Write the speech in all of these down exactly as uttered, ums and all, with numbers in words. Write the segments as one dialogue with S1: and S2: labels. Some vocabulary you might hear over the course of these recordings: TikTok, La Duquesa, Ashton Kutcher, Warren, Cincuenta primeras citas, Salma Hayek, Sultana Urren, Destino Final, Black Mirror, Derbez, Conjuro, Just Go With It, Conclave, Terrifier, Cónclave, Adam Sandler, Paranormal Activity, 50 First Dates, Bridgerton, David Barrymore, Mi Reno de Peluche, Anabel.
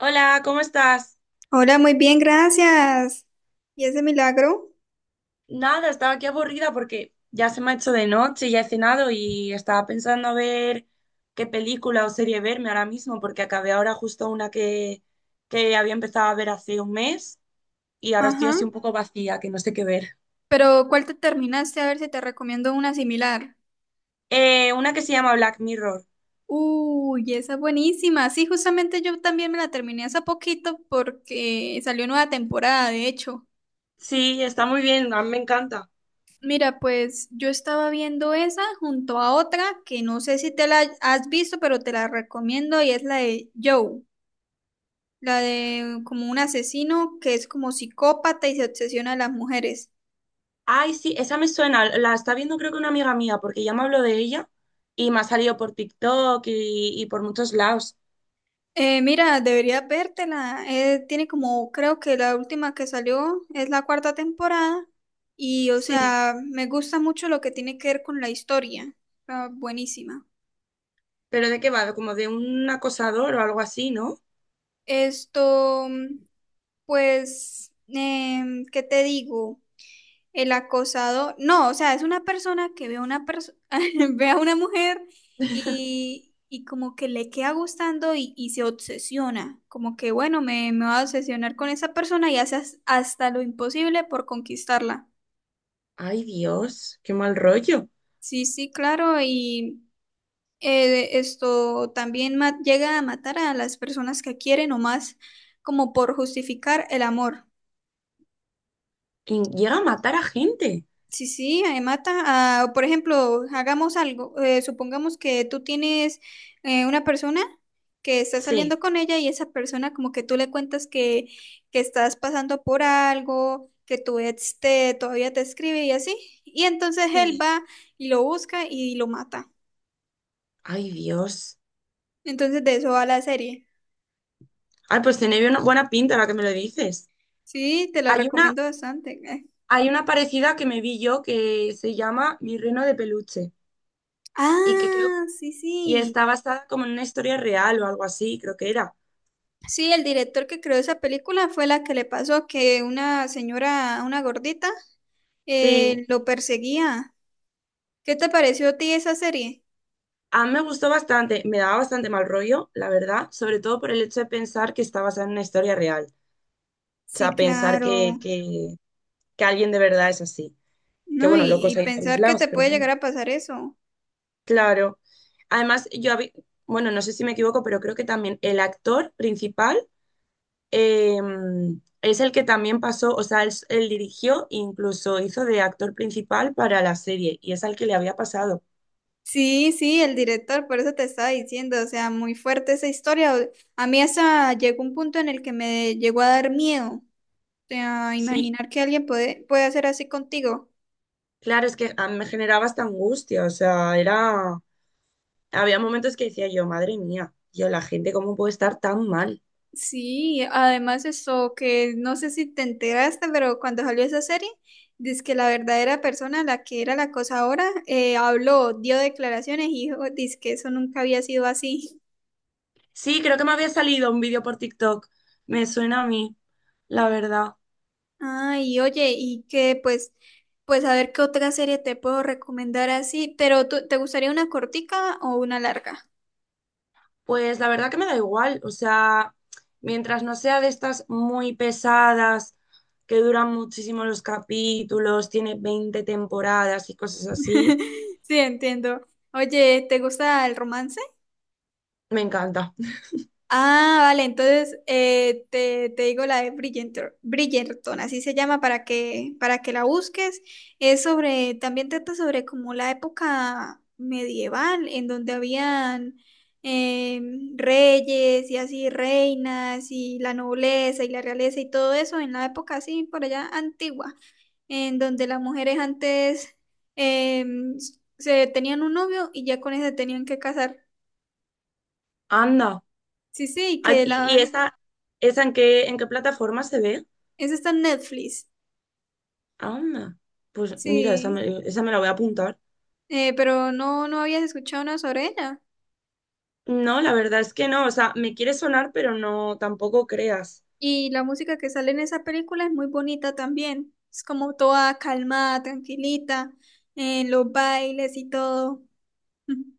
S1: Hola, ¿cómo estás?
S2: Hola, muy bien, gracias. ¿Y ese milagro?
S1: Nada, estaba aquí aburrida porque ya se me ha hecho de noche, ya he cenado y estaba pensando a ver qué película o serie verme ahora mismo porque acabé ahora justo una que, que había empezado a ver hace un mes y ahora estoy
S2: Ajá.
S1: así un poco vacía, que no sé qué ver.
S2: Pero ¿cuál te terminaste? A ver si te recomiendo una similar.
S1: Eh, una que se llama Black Mirror.
S2: Uy, esa es buenísima. Sí, justamente yo también me la terminé hace poquito porque salió nueva temporada, de hecho.
S1: Sí, está muy bien, a mí me encanta.
S2: Mira, pues yo estaba viendo esa junto a otra que no sé si te la has visto, pero te la recomiendo y es la de Joe, la de como un asesino que es como psicópata y se obsesiona a las mujeres.
S1: Ay, sí, esa me suena, la está viendo creo que una amiga mía porque ya me habló de ella y me ha salido por TikTok y, y por muchos lados.
S2: Eh, mira, deberías vértela. Eh, tiene como, creo que la última que salió es la cuarta temporada y, o
S1: Sí.
S2: sea, me gusta mucho lo que tiene que ver con la historia. Está buenísima.
S1: ¿Pero de qué va? Como de un acosador o algo así, ¿no?
S2: Esto, mm, pues, em, ¿qué te digo? El acosado, no, o sea, es una persona que ve a una perso- ve a una mujer y, y como que le queda gustando y, y se obsesiona, como que bueno, me, me va a obsesionar con esa persona y hace as- hasta lo imposible por conquistarla.
S1: Ay, Dios, qué mal rollo.
S2: Sí, sí, claro, y eh, esto también ma- llega a matar a las personas que quieren o más como por justificar el amor.
S1: Y llega a matar a gente.
S2: Sí, sí, eh, mata. Ah, por ejemplo, hagamos algo. Eh, supongamos que tú tienes eh, una persona que está saliendo
S1: Sí.
S2: con ella y esa persona como que tú le cuentas que, que estás pasando por algo, que tu ex te, todavía te escribe y así. Y entonces él
S1: Sí.
S2: va y lo busca y lo mata.
S1: Ay, Dios.
S2: Entonces de eso va la serie.
S1: Ay, pues tiene una buena pinta ahora que me lo dices.
S2: Sí, te la
S1: Hay una,
S2: recomiendo bastante. eh.
S1: hay una parecida que me vi yo que se llama Mi Reno de Peluche y que creo
S2: Ah, sí,
S1: y
S2: sí.
S1: está basada como en una historia real o algo así, creo que era.
S2: Sí, el director que creó esa película fue la que le pasó que una señora, una gordita,
S1: Sí,
S2: eh, lo perseguía. ¿Qué te pareció a ti esa serie?
S1: a mí me gustó bastante, me daba bastante mal rollo, la verdad, sobre todo por el hecho de pensar que está basada en una historia real. O
S2: Sí,
S1: sea, pensar que,
S2: claro.
S1: que, que alguien de verdad es así. Que
S2: No,
S1: bueno,
S2: y,
S1: locos
S2: y
S1: hay en todos
S2: pensar que te
S1: lados, pero
S2: puede
S1: bueno,
S2: llegar a pasar eso.
S1: claro. Además, yo, habí- bueno, no sé si me equivoco, pero creo que también el actor principal eh, es el que también pasó, o sea, él, él dirigió, incluso hizo de actor principal para la serie, y es al que le había pasado.
S2: Sí, sí, el director, por eso te estaba diciendo, o sea, muy fuerte esa historia. O- A mí hasta llegó un punto en el que me llegó a dar miedo, o sea,
S1: Sí,
S2: imaginar que alguien puede, puede hacer así contigo.
S1: claro, es que a mí me generaba esta angustia, o sea, era, había momentos que decía yo, madre mía, yo, la gente, ¿cómo puede estar tan mal?
S2: Sí, además eso que no sé si te enteraste, pero cuando salió esa serie, dice que la verdadera persona, la que era la acosadora, eh, habló, dio declaraciones y dijo, dice que eso nunca había sido así.
S1: Sí, creo que me había salido un vídeo por TikTok. Me suena a mí, la verdad.
S2: Ay, oye, y que pues, pues a ver qué otra serie te puedo recomendar así, pero tú- ¿te gustaría una cortica o una larga?
S1: Pues la verdad que me da igual. O sea, mientras no sea de estas muy pesadas, que duran muchísimo los capítulos, tiene veinte temporadas y cosas así,
S2: Sí, entiendo. Oye, ¿te gusta el romance?
S1: me encanta.
S2: Ah, vale, entonces eh, te, te digo la de Bridgerton, Bridgerton, así se llama para que, para que la busques. Es sobre, también trata sobre como la época medieval, en donde habían em, reyes y así reinas y la nobleza y la realeza y todo eso, en la época así por allá antigua, en donde las mujeres antes em, se tenían un novio y ya con ese tenían que casar.
S1: Anda.
S2: Sí, sí,
S1: Ah,
S2: que
S1: ¿Y, y
S2: la...
S1: esa, esa en qué, en qué plataforma se ve?
S2: Eso está en Netflix.
S1: Anda. Pues mira, esa
S2: Sí,
S1: me, esa me la voy a apuntar.
S2: eh, pero no, no habías escuchado nada sobre ella.
S1: No, la verdad es que no. O sea, me quiere sonar, pero no, tampoco creas.
S2: Y la música que sale en esa película es muy bonita también. Es como toda calmada, tranquilita, en los bailes y todo.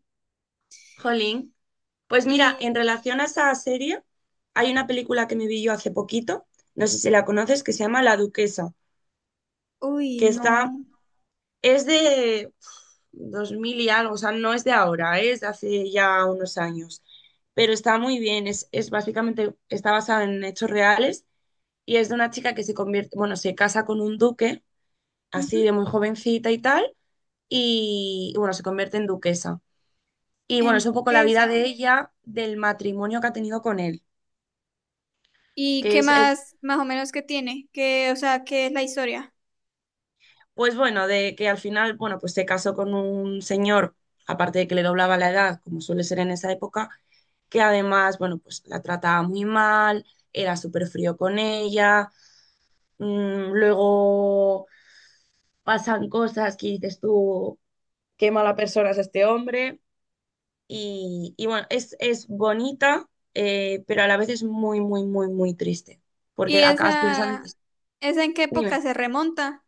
S1: Jolín. Pues mira, en
S2: Y,
S1: relación a esa serie, hay una película que me vi yo hace poquito, no sé si la conoces, que se llama La Duquesa,
S2: uy,
S1: que está,
S2: no.
S1: es de uf, dos mil y algo, o sea, no es de ahora, ¿eh? Es de hace ya unos años, pero está muy bien, es, es básicamente, está basada en hechos reales y es de una chica que se convierte, bueno, se casa con un duque,
S2: Ujú,
S1: así de muy jovencita y tal, y bueno, se convierte en duquesa. Y bueno,
S2: en
S1: es un poco la vida
S2: Duquesa.
S1: de ella, del matrimonio que ha tenido con él
S2: ¿Y
S1: que
S2: qué
S1: es el
S2: más, más o menos, que tiene? ¿Que, o sea, qué es la historia?
S1: Pues bueno, de que al final, bueno, pues se casó con un señor, aparte de que le doblaba la edad, como suele ser en esa época, que además, bueno, pues la trataba muy mal, era súper frío con ella, mm, luego pasan cosas que dices tú, qué mala persona es este hombre, y, y bueno, es, es bonita, eh, pero a la vez es muy, muy, muy, muy triste,
S2: ¿Y
S1: porque acabas pensando, y
S2: esa,
S1: dices,
S2: esa en qué época
S1: dime.
S2: se remonta?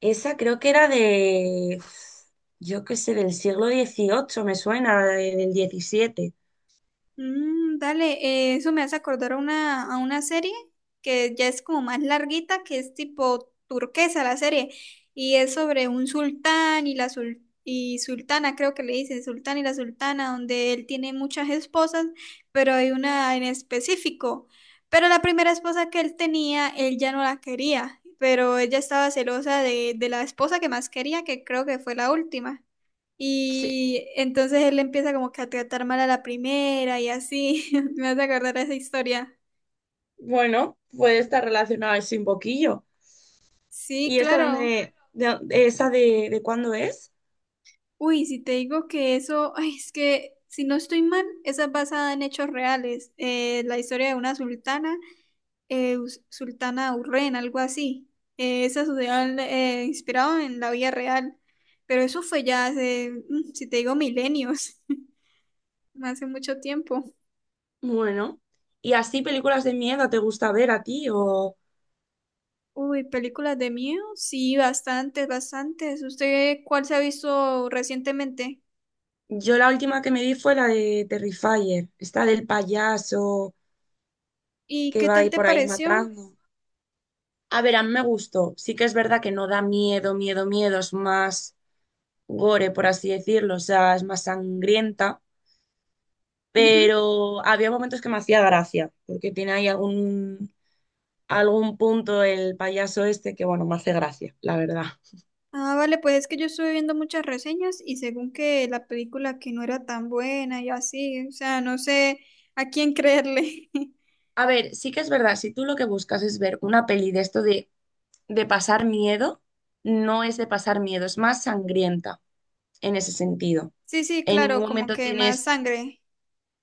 S1: Esa creo que era de, yo qué sé, del siglo dieciocho me suena, de- del diecisiete.
S2: Mm, dale, eh, eso me hace acordar a una, a una serie que ya es como más larguita, que es tipo turquesa la serie, y es sobre un sultán y la sul- y sultana, creo que le dicen, sultán y la sultana, donde él tiene muchas esposas, pero hay una en específico. Pero la primera esposa que él tenía, él ya no la quería, pero ella estaba celosa de, de la esposa que más quería, que creo que fue la última.
S1: Sí.
S2: Y entonces él empieza como que a tratar mal a la primera y así. Me vas a acordar a esa historia.
S1: Bueno, puede estar relacionada ese un poquillo.
S2: Sí,
S1: ¿Y esa
S2: claro.
S1: dónde, de, de- esa de, de cuándo es?
S2: Uy, si te digo que eso, ay, es que si no estoy mal, esa es basada en hechos reales. Eh, la historia de una sultana, eh, us- Sultana Urren, algo así. Eh, esa sucedió en- eh, inspirado en la vida real. Pero eso fue ya hace, mm, si te digo, milenios, hace mucho tiempo.
S1: Bueno, ¿y así películas de miedo te gusta ver a ti? O
S2: Uy, películas de miedo, sí, bastantes, bastantes. ¿Usted cuál se ha visto recientemente?
S1: yo la última que me vi fue la de Terrifier, esta del payaso
S2: ¿Y
S1: que
S2: qué
S1: va ahí
S2: tal te
S1: por ahí
S2: pareció?
S1: matando. A ver, a mí me gustó. Sí que es verdad que no da miedo, miedo, miedo, es más, gore, por así decirlo, o sea, es más sangrienta,
S2: Ujú.
S1: pero había momentos que me hacía gracia, porque tiene ahí algún, algún punto el payaso este que, bueno, me hace gracia, la verdad.
S2: Ah, vale, pues es que yo estuve viendo muchas reseñas y según que la película que no era tan buena y así, o sea, no sé a quién creerle.
S1: A ver, sí que es verdad, si tú lo que buscas es ver una peli de esto de, de pasar miedo, no es de pasar miedo, es más sangrienta en ese sentido.
S2: Sí, sí,
S1: En ningún
S2: claro, como
S1: momento
S2: que más
S1: tienes
S2: sangre.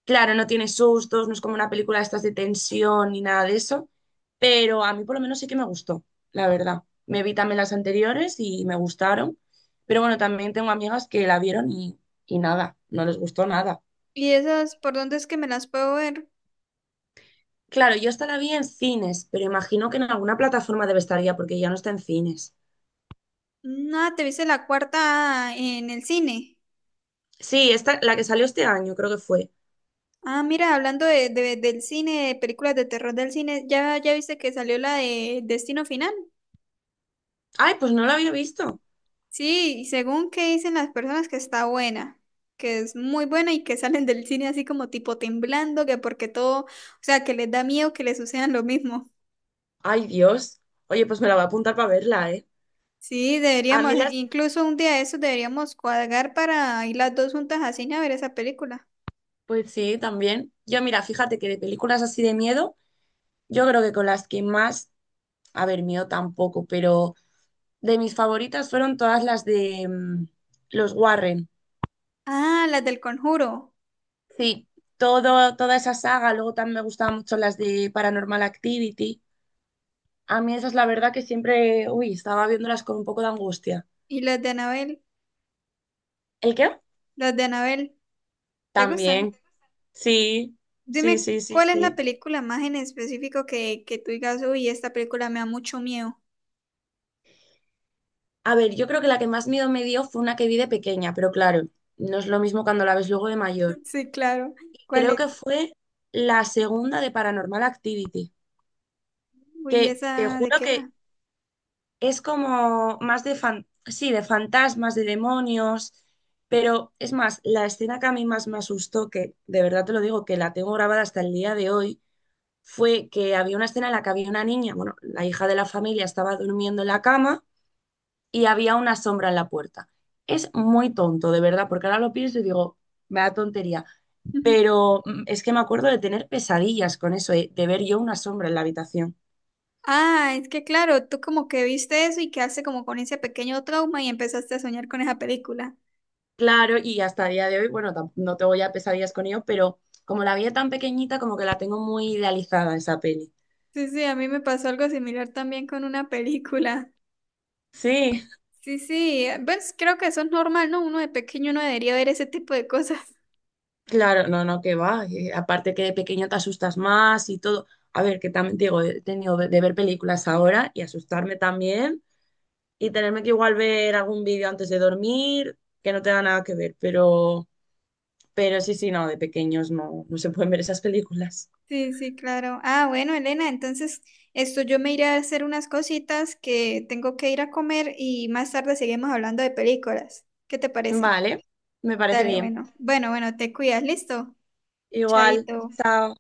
S1: claro, no tiene sustos, no es como una película de estas de tensión ni nada de eso, pero a mí por lo menos sí que me gustó, la verdad. Me vi también las anteriores y me gustaron, pero bueno, también tengo amigas que la vieron y, y nada, no les gustó nada.
S2: ¿Y esas por dónde es que me las puedo ver?
S1: Claro, yo esta la vi en cines, pero imagino que en alguna plataforma debe estar ya porque ya no está en cines.
S2: No, te viste la cuarta en el cine.
S1: Sí, esta, la que salió este año creo que fue.
S2: Ah, mira, hablando de, de- del cine, de películas de terror del cine, ¿ya, ya viste que salió la de Destino Final?
S1: Ay, pues no la había visto.
S2: Sí, y según que dicen las personas que está buena, que es muy buena y que salen del cine así como tipo temblando, que porque todo, o sea, que les da miedo que les sucedan lo mismo.
S1: Ay, Dios. Oye, pues me la voy a apuntar para verla, ¿eh?
S2: Sí,
S1: A
S2: deberíamos,
S1: mí las...
S2: incluso un día de esos deberíamos cuadrar para ir las dos juntas a cine a ver esa película.
S1: Pues sí, también. Yo, mira, fíjate que de películas así de miedo... Yo creo que con las que más, a ver, mío tampoco, pero de mis favoritas fueron todas las de mm, los Warren.
S2: Ah, las del Conjuro
S1: Sí, todo, toda esa saga, luego también me gustaban mucho las de Paranormal Activity. A mí esas, la verdad, que siempre, uy, estaba viéndolas con un poco de angustia.
S2: y las de Anabel,
S1: ¿El qué?
S2: las de Anabel, ¿te gustan?
S1: También, sí, sí,
S2: Dime,
S1: sí, sí,
S2: ¿cuál es la
S1: sí.
S2: película más en específico que, que tú digas, uy, esta película me da mucho miedo?
S1: A ver, yo creo que la que más miedo me dio fue una que vi de pequeña, pero claro, no es lo mismo cuando la ves luego de mayor.
S2: Sí, claro. ¿Cuál
S1: Creo
S2: es?
S1: que fue la segunda de Paranormal Activity.
S2: Uy,
S1: Que te
S2: ¿esa de
S1: juro
S2: qué
S1: que
S2: era?
S1: es como más de fan, sí, de fantasmas, de demonios, pero es más, la escena que a mí más me asustó, que de verdad te lo digo, que la tengo grabada hasta el día de hoy, fue que había una escena en la que había una niña, bueno, la hija de la familia estaba durmiendo en la cama y había una sombra en la puerta. Es muy tonto, de verdad, porque ahora lo pienso y digo, me da tontería. Pero mm, es que me acuerdo de tener pesadillas con eso, eh, de ver yo una sombra en la habitación.
S2: Ah, es que claro, tú como que viste eso y quedaste como con ese pequeño trauma y empezaste a soñar con esa película.
S1: Claro, y hasta el día de hoy, bueno, tam- no tengo ya pesadillas con ello, pero como la vi tan pequeñita, como que la tengo muy idealizada esa peli.
S2: Sí, sí, a mí me pasó algo similar también con una película.
S1: Sí,
S2: Sí, sí, eh, pues creo que eso es normal, ¿no? Uno de pequeño no debería ver ese tipo de cosas.
S1: claro, no, no, que va. eh, aparte que de pequeño te asustas más y todo. A ver, que también te digo, he tenido de, de ver películas ahora y asustarme también y tenerme que igual ver algún vídeo antes de dormir, que no te da nada que ver, pero, pero sí, sí, no, de pequeños no, no se pueden ver esas películas.
S2: Sí, sí, claro. Ah, bueno, Elena, entonces esto yo me iré a hacer unas cositas que tengo que ir a comer y más tarde seguimos hablando de películas. ¿Qué te parece?
S1: Vale, me parece
S2: Dale,
S1: bien.
S2: bueno. Bueno, bueno, te cuidas, listo.
S1: Igual,
S2: Chaito.
S1: chao.